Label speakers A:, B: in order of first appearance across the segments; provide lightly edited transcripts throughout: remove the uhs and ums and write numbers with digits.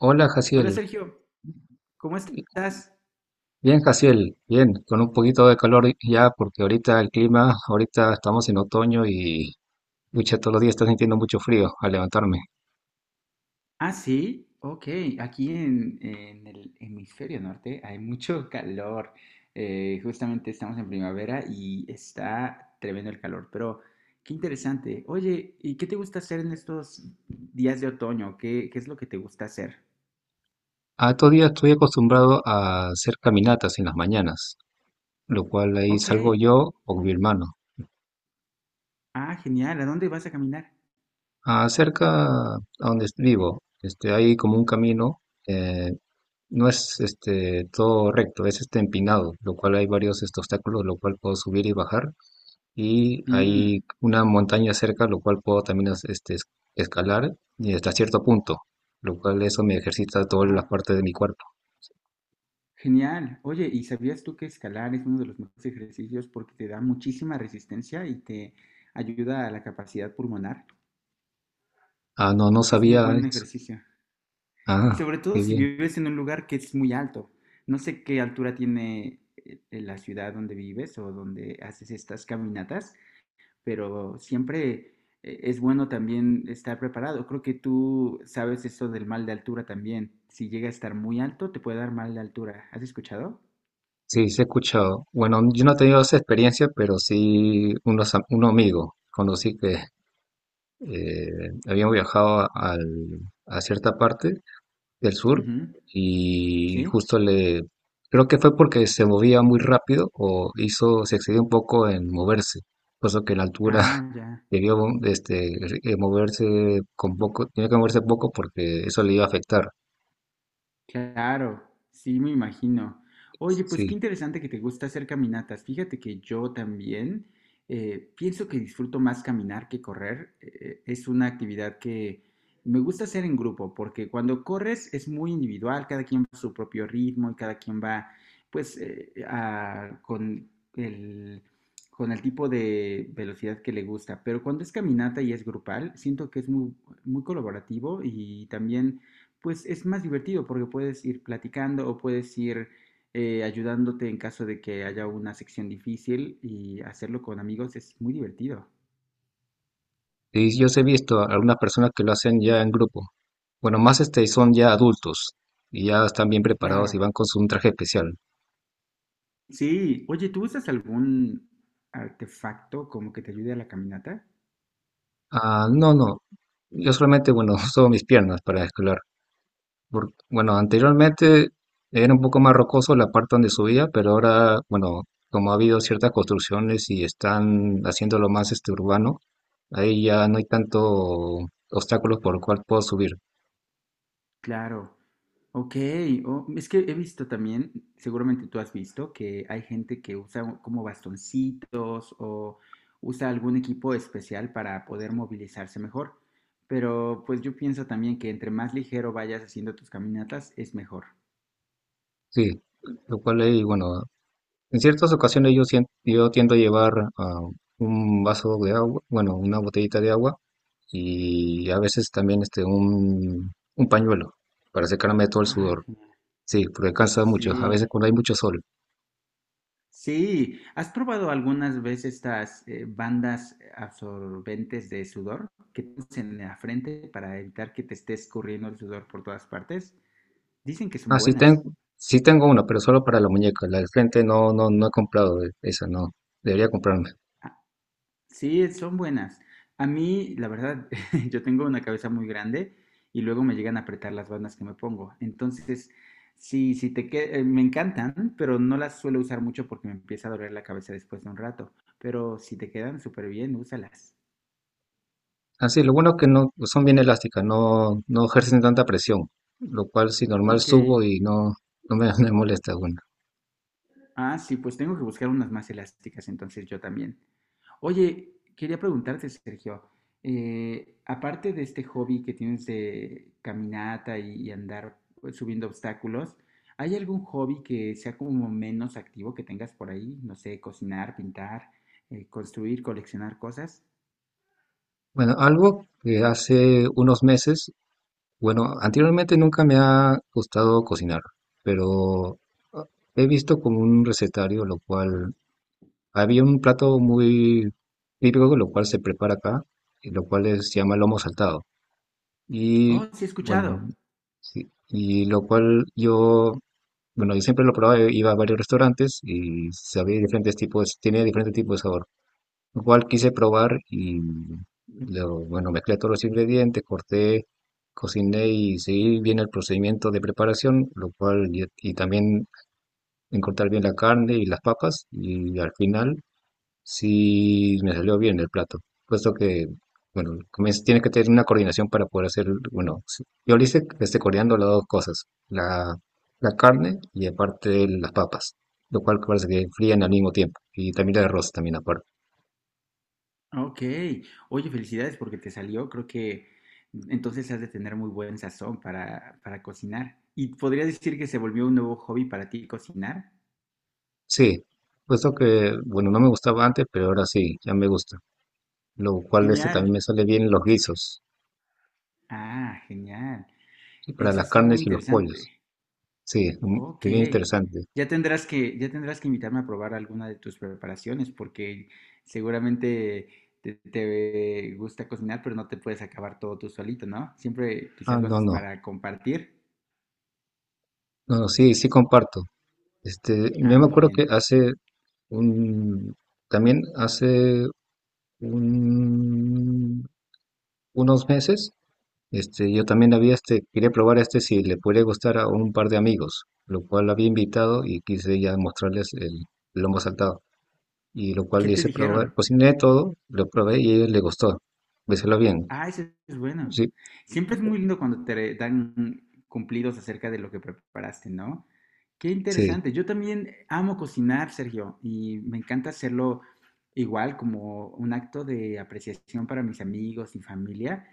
A: Hola,
B: Hola
A: Jaciel.
B: Sergio, ¿cómo estás?
A: Bien, Jaciel, bien, con un poquito de calor ya, porque ahorita el clima, ahorita estamos en otoño y lucha todos los días está sintiendo mucho frío al levantarme.
B: Ah, sí, ok. Aquí en el hemisferio norte hay mucho calor. Justamente estamos en primavera y está tremendo el calor, pero qué interesante. Oye, ¿y qué te gusta hacer en estos días de otoño? ¿Qué es lo que te gusta hacer?
A: A estos días estoy acostumbrado a hacer caminatas en las mañanas, lo cual ahí
B: Ok.
A: salgo yo o mi hermano.
B: Ah, genial. ¿A dónde vas a caminar?
A: Ah, cerca a donde vivo, hay como un camino, eh, no es este, todo recto, es este empinado, lo cual hay varios obstáculos, lo cual puedo subir y bajar y
B: Mm,
A: hay una montaña cerca, lo cual puedo también escalar y hasta cierto punto, lo cual eso me ejercita todas las
B: wow.
A: partes de mi cuerpo.
B: Genial. Oye, ¿y sabías tú que escalar es uno de los mejores ejercicios porque te da muchísima resistencia y te ayuda a la capacidad pulmonar?
A: Ah, no, no
B: Es muy
A: sabía
B: buen
A: eso.
B: ejercicio. Y
A: Ah,
B: sobre todo
A: qué
B: si
A: bien.
B: vives en un lugar que es muy alto. No sé qué altura tiene la ciudad donde vives o donde haces estas caminatas, pero siempre es bueno también estar preparado. Creo que tú sabes eso del mal de altura también. Si llega a estar muy alto, te puede dar mal de altura. ¿Has escuchado?
A: Sí, sí he escuchado. Bueno, yo no he tenido esa experiencia, pero sí un amigo conocí que eh, habían viajado a cierta parte del sur
B: Ujú.
A: y
B: ¿Sí?
A: justo le, creo que fue porque se movía muy rápido o hizo, se excedió un poco en moverse, puesto que la altura
B: Ah, ya,
A: debió este, moverse con poco, tenía que moverse poco porque eso le iba a afectar.
B: claro, sí, me imagino. Oye, pues qué
A: Sí,
B: interesante que te gusta hacer caminatas. Fíjate que yo también pienso que disfruto más caminar que correr. Es una actividad que me gusta hacer en grupo, porque cuando corres es muy individual, cada quien va a su propio ritmo y cada quien va, pues, con el tipo de velocidad que le gusta. Pero cuando es caminata y es grupal, siento que es muy colaborativo y también pues es más divertido porque puedes ir platicando o puedes ir ayudándote en caso de que haya una sección difícil y hacerlo con amigos es muy divertido.
A: y yo os he visto a algunas personas que lo hacen ya en grupo. Bueno, más este son ya adultos y ya están bien preparados y
B: Claro.
A: van con su, un traje especial.
B: Sí. Oye, ¿tú usas algún artefacto como que te ayude a la caminata?
A: Ah, no, no, yo solamente, bueno, uso mis piernas para escalar. Por- bueno, anteriormente era un poco más rocoso la parte donde subía, pero ahora, bueno, como ha habido ciertas construcciones y están haciéndolo más este urbano, ahí ya no hay tanto obstáculos por el cual puedo subir.
B: Claro. Ok, oh, es que he visto también, seguramente tú has visto, que hay gente que usa como bastoncitos o usa algún equipo especial para poder movilizarse mejor. Pero pues yo pienso también que entre más ligero vayas haciendo tus caminatas es mejor.
A: Sí, lo cual ahí, bueno, en ciertas ocasiones yo, yo tiendo a llevar ah, un vaso de agua, bueno, una botellita de agua y a veces también un pañuelo para secarme todo el
B: Ah,
A: sudor.
B: genial.
A: Sí, porque cansa mucho, a veces
B: Sí,
A: cuando hay mucho sol.
B: sí. ¿Has probado algunas veces estas bandas absorbentes de sudor que pones en la frente para evitar que te esté escurriendo el sudor por todas partes? Dicen que son
A: Ah, sí, ten-
B: buenas.
A: sí tengo una, pero solo para la muñeca. La del frente no, no, no he comprado esa, no. Debería comprarme.
B: Sí, son buenas. A mí, la verdad, yo tengo una cabeza muy grande y luego me llegan a apretar las bandas que me pongo. Entonces, sí, me encantan, pero no las suelo usar mucho porque me empieza a doler la cabeza después de un rato. Pero si te quedan súper bien, úsalas.
A: Ah, sí. Lo bueno es que no pues son bien elásticas, no, no ejercen tanta presión, lo cual si normal
B: Ok.
A: subo y no, no me, me molesta. Bueno.
B: Ah, sí, pues tengo que buscar unas más elásticas, entonces yo también. Oye, quería preguntarte, Sergio, aparte de este hobby que tienes de caminata y andar pues, subiendo obstáculos, ¿hay algún hobby que sea como menos activo que tengas por ahí? No sé, cocinar, pintar, construir, coleccionar cosas.
A: Bueno, algo que hace unos meses, bueno, anteriormente nunca me ha gustado cocinar, pero ah, he visto como un recetario, lo cual había un plato muy típico, lo cual se prepara acá, y lo cual se llama lomo saltado. Y
B: Oh, sí, he
A: bueno,
B: escuchado.
A: sí, y lo cual yo, bueno, yo siempre lo probaba, iba a varios restaurantes y sabía diferentes tipos, tenía diferentes tipos de sabor. Lo cual quise probar y bueno, mezclé todos los ingredientes, corté, cociné y seguí bien el procedimiento de preparación, lo cual, y también en cortar bien la carne y las papas y al final sí, me salió bien el plato, puesto que, bueno, tiene que tener una coordinación para poder hacer, bueno, sí. Yo lo hice coordinando las dos cosas, la carne y aparte las papas, lo cual parece que frían al mismo tiempo, y también el arroz también aparte.
B: Ok. Oye, felicidades porque te salió. Creo que entonces has de tener muy buen sazón para cocinar. ¿Y podrías decir que se volvió un nuevo hobby para ti cocinar?
A: Sí, puesto que, bueno, no me gustaba antes, pero ahora sí, ya me gusta, lo cual este
B: Genial.
A: también me sale bien los guisos,
B: Ah, genial.
A: y para
B: Eso
A: las
B: está muy
A: carnes y los pollos.
B: interesante.
A: Sí, mm,
B: Ok.
A: bien interesante.
B: Ya tendrás que invitarme a probar alguna de tus preparaciones, porque seguramente te gusta cocinar, pero no te puedes acabar todo tú solito, ¿no? Siempre
A: Ah,
B: quizás lo
A: no,
B: haces
A: no,
B: para compartir.
A: no, no, sí, sí comparto. Este, yo
B: Ah,
A: me
B: muy
A: acuerdo que
B: bien.
A: un- también un- unos meses, este, yo también había este, quería probar este si le podría gustar a un par de amigos, lo cual había invitado y quise ya mostrarles el lomo saltado. Y lo
B: ¿Y
A: cual
B: qué
A: le
B: te
A: hice probar,
B: dijeron?
A: cociné todo, lo probé y a ellos les gustó. Béselo bien.
B: Ah, ese es bueno.
A: Sí,
B: Siempre es muy lindo cuando te dan cumplidos acerca de lo que preparaste, ¿no? Qué
A: sí.
B: interesante. Yo también amo cocinar, Sergio, y me encanta hacerlo igual como un acto de apreciación para mis amigos y familia.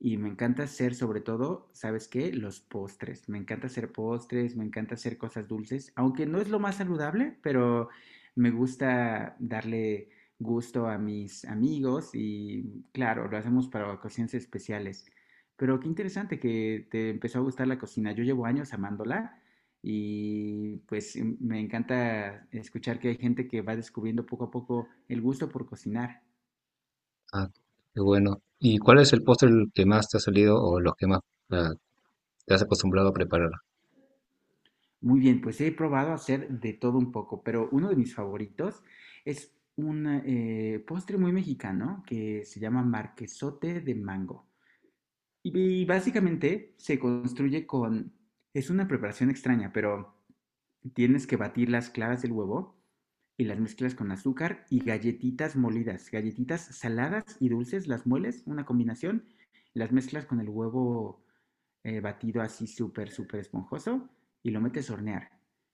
B: Y me encanta hacer, sobre todo, ¿sabes qué? Los postres. Me encanta hacer postres, me encanta hacer cosas dulces, aunque no es lo más saludable, pero me gusta darle gusto a mis amigos y claro, lo hacemos para ocasiones especiales. Pero qué interesante que te empezó a gustar la cocina. Yo llevo años amándola y pues me encanta escuchar que hay gente que va descubriendo poco a poco el gusto por cocinar.
A: Ah, qué bueno. ¿Y cuál es el postre el que más te ha salido o los que más ah, te has acostumbrado a preparar?
B: Muy bien, pues he probado hacer de todo un poco, pero uno de mis favoritos es un postre muy mexicano que se llama marquesote de mango. Y básicamente es una preparación extraña, pero tienes que batir las claras del huevo y las mezclas con azúcar y galletitas molidas, galletitas saladas y dulces, las mueles, una combinación, las mezclas con el huevo batido así súper esponjoso y lo metes a hornear.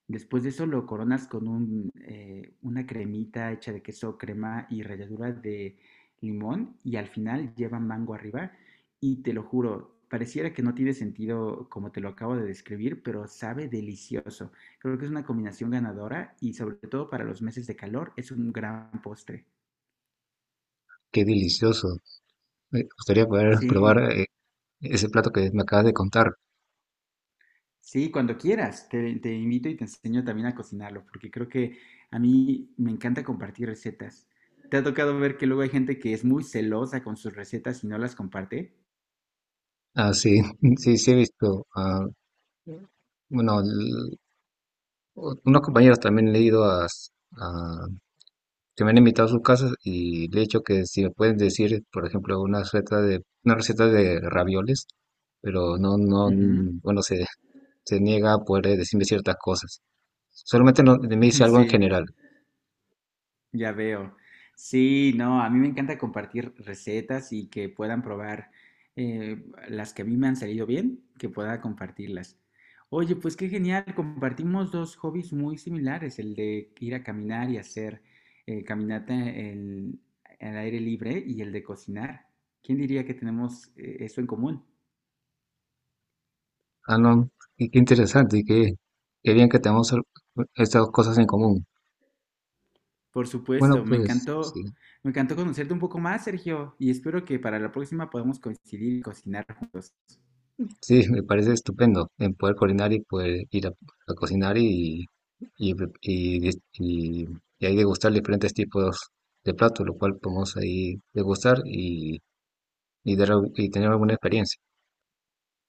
B: Después de eso lo coronas con una cremita hecha de queso, crema y ralladura de limón y al final lleva mango arriba y te lo juro, pareciera que no tiene sentido como te lo acabo de describir, pero sabe delicioso. Creo que es una combinación ganadora y sobre todo para los meses de calor es un gran postre.
A: Qué delicioso. Me gustaría poder
B: Sí.
A: probar ese plato que me acabas de contar.
B: Sí, cuando quieras, te invito y te enseño también a cocinarlo, porque creo que a mí me encanta compartir recetas. ¿Te ha tocado ver que luego hay gente que es muy celosa con sus recetas y no las comparte?
A: Ah, sí, sí, sí he visto. Ah, bueno, unos compañeros también le he ido a- que me han invitado a sus casas y le he dicho que si me pueden decir, por ejemplo, una receta de ravioles, pero no,
B: Ujú,
A: bueno, se niega a poder decirme ciertas cosas. Solamente me dice algo en
B: sí.
A: general.
B: Ya veo. Sí, no, a mí me encanta compartir recetas y que puedan probar eh, las que a mí me han salido bien, que pueda compartirlas. Oye, pues qué genial, compartimos dos hobbies muy similares, el de ir a caminar y hacer eh, caminata en- al aire libre y el de cocinar. ¿Quién diría que tenemos eso en común?
A: Ah, no, y qué interesante y qué, qué bien que tenemos estas cosas en común.
B: Por
A: Bueno,
B: supuesto,
A: pues, sí.
B: me encantó conocerte un poco más, Sergio, y espero que para la próxima podamos coincidir y cocinar juntos.
A: Sí, me parece estupendo en poder coordinar y poder ir a cocinar y, y, dis- y- y ahí degustar diferentes tipos de platos, lo cual podemos ahí degustar y, y tener alguna experiencia.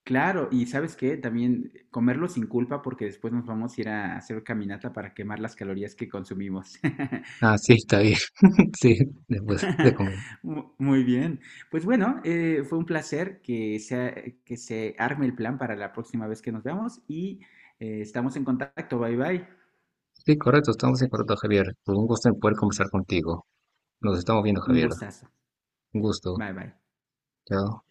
B: Claro, y ¿sabes qué? También comerlo sin culpa porque después nos vamos a ir a hacer caminata para quemar las calorías que consumimos.
A: Ah, sí, está bien. Sí, después de comer.
B: Muy bien. Pues bueno, fue un placer que sea, que se arme el plan para la próxima vez que nos veamos y estamos en contacto. Bye bye.
A: Sí, correcto, estamos en correcto, Javier. Pues un gusto en poder conversar contigo. Nos estamos viendo,
B: Un
A: Javier.
B: gustazo.
A: Un gusto.
B: Bye bye.
A: Chao.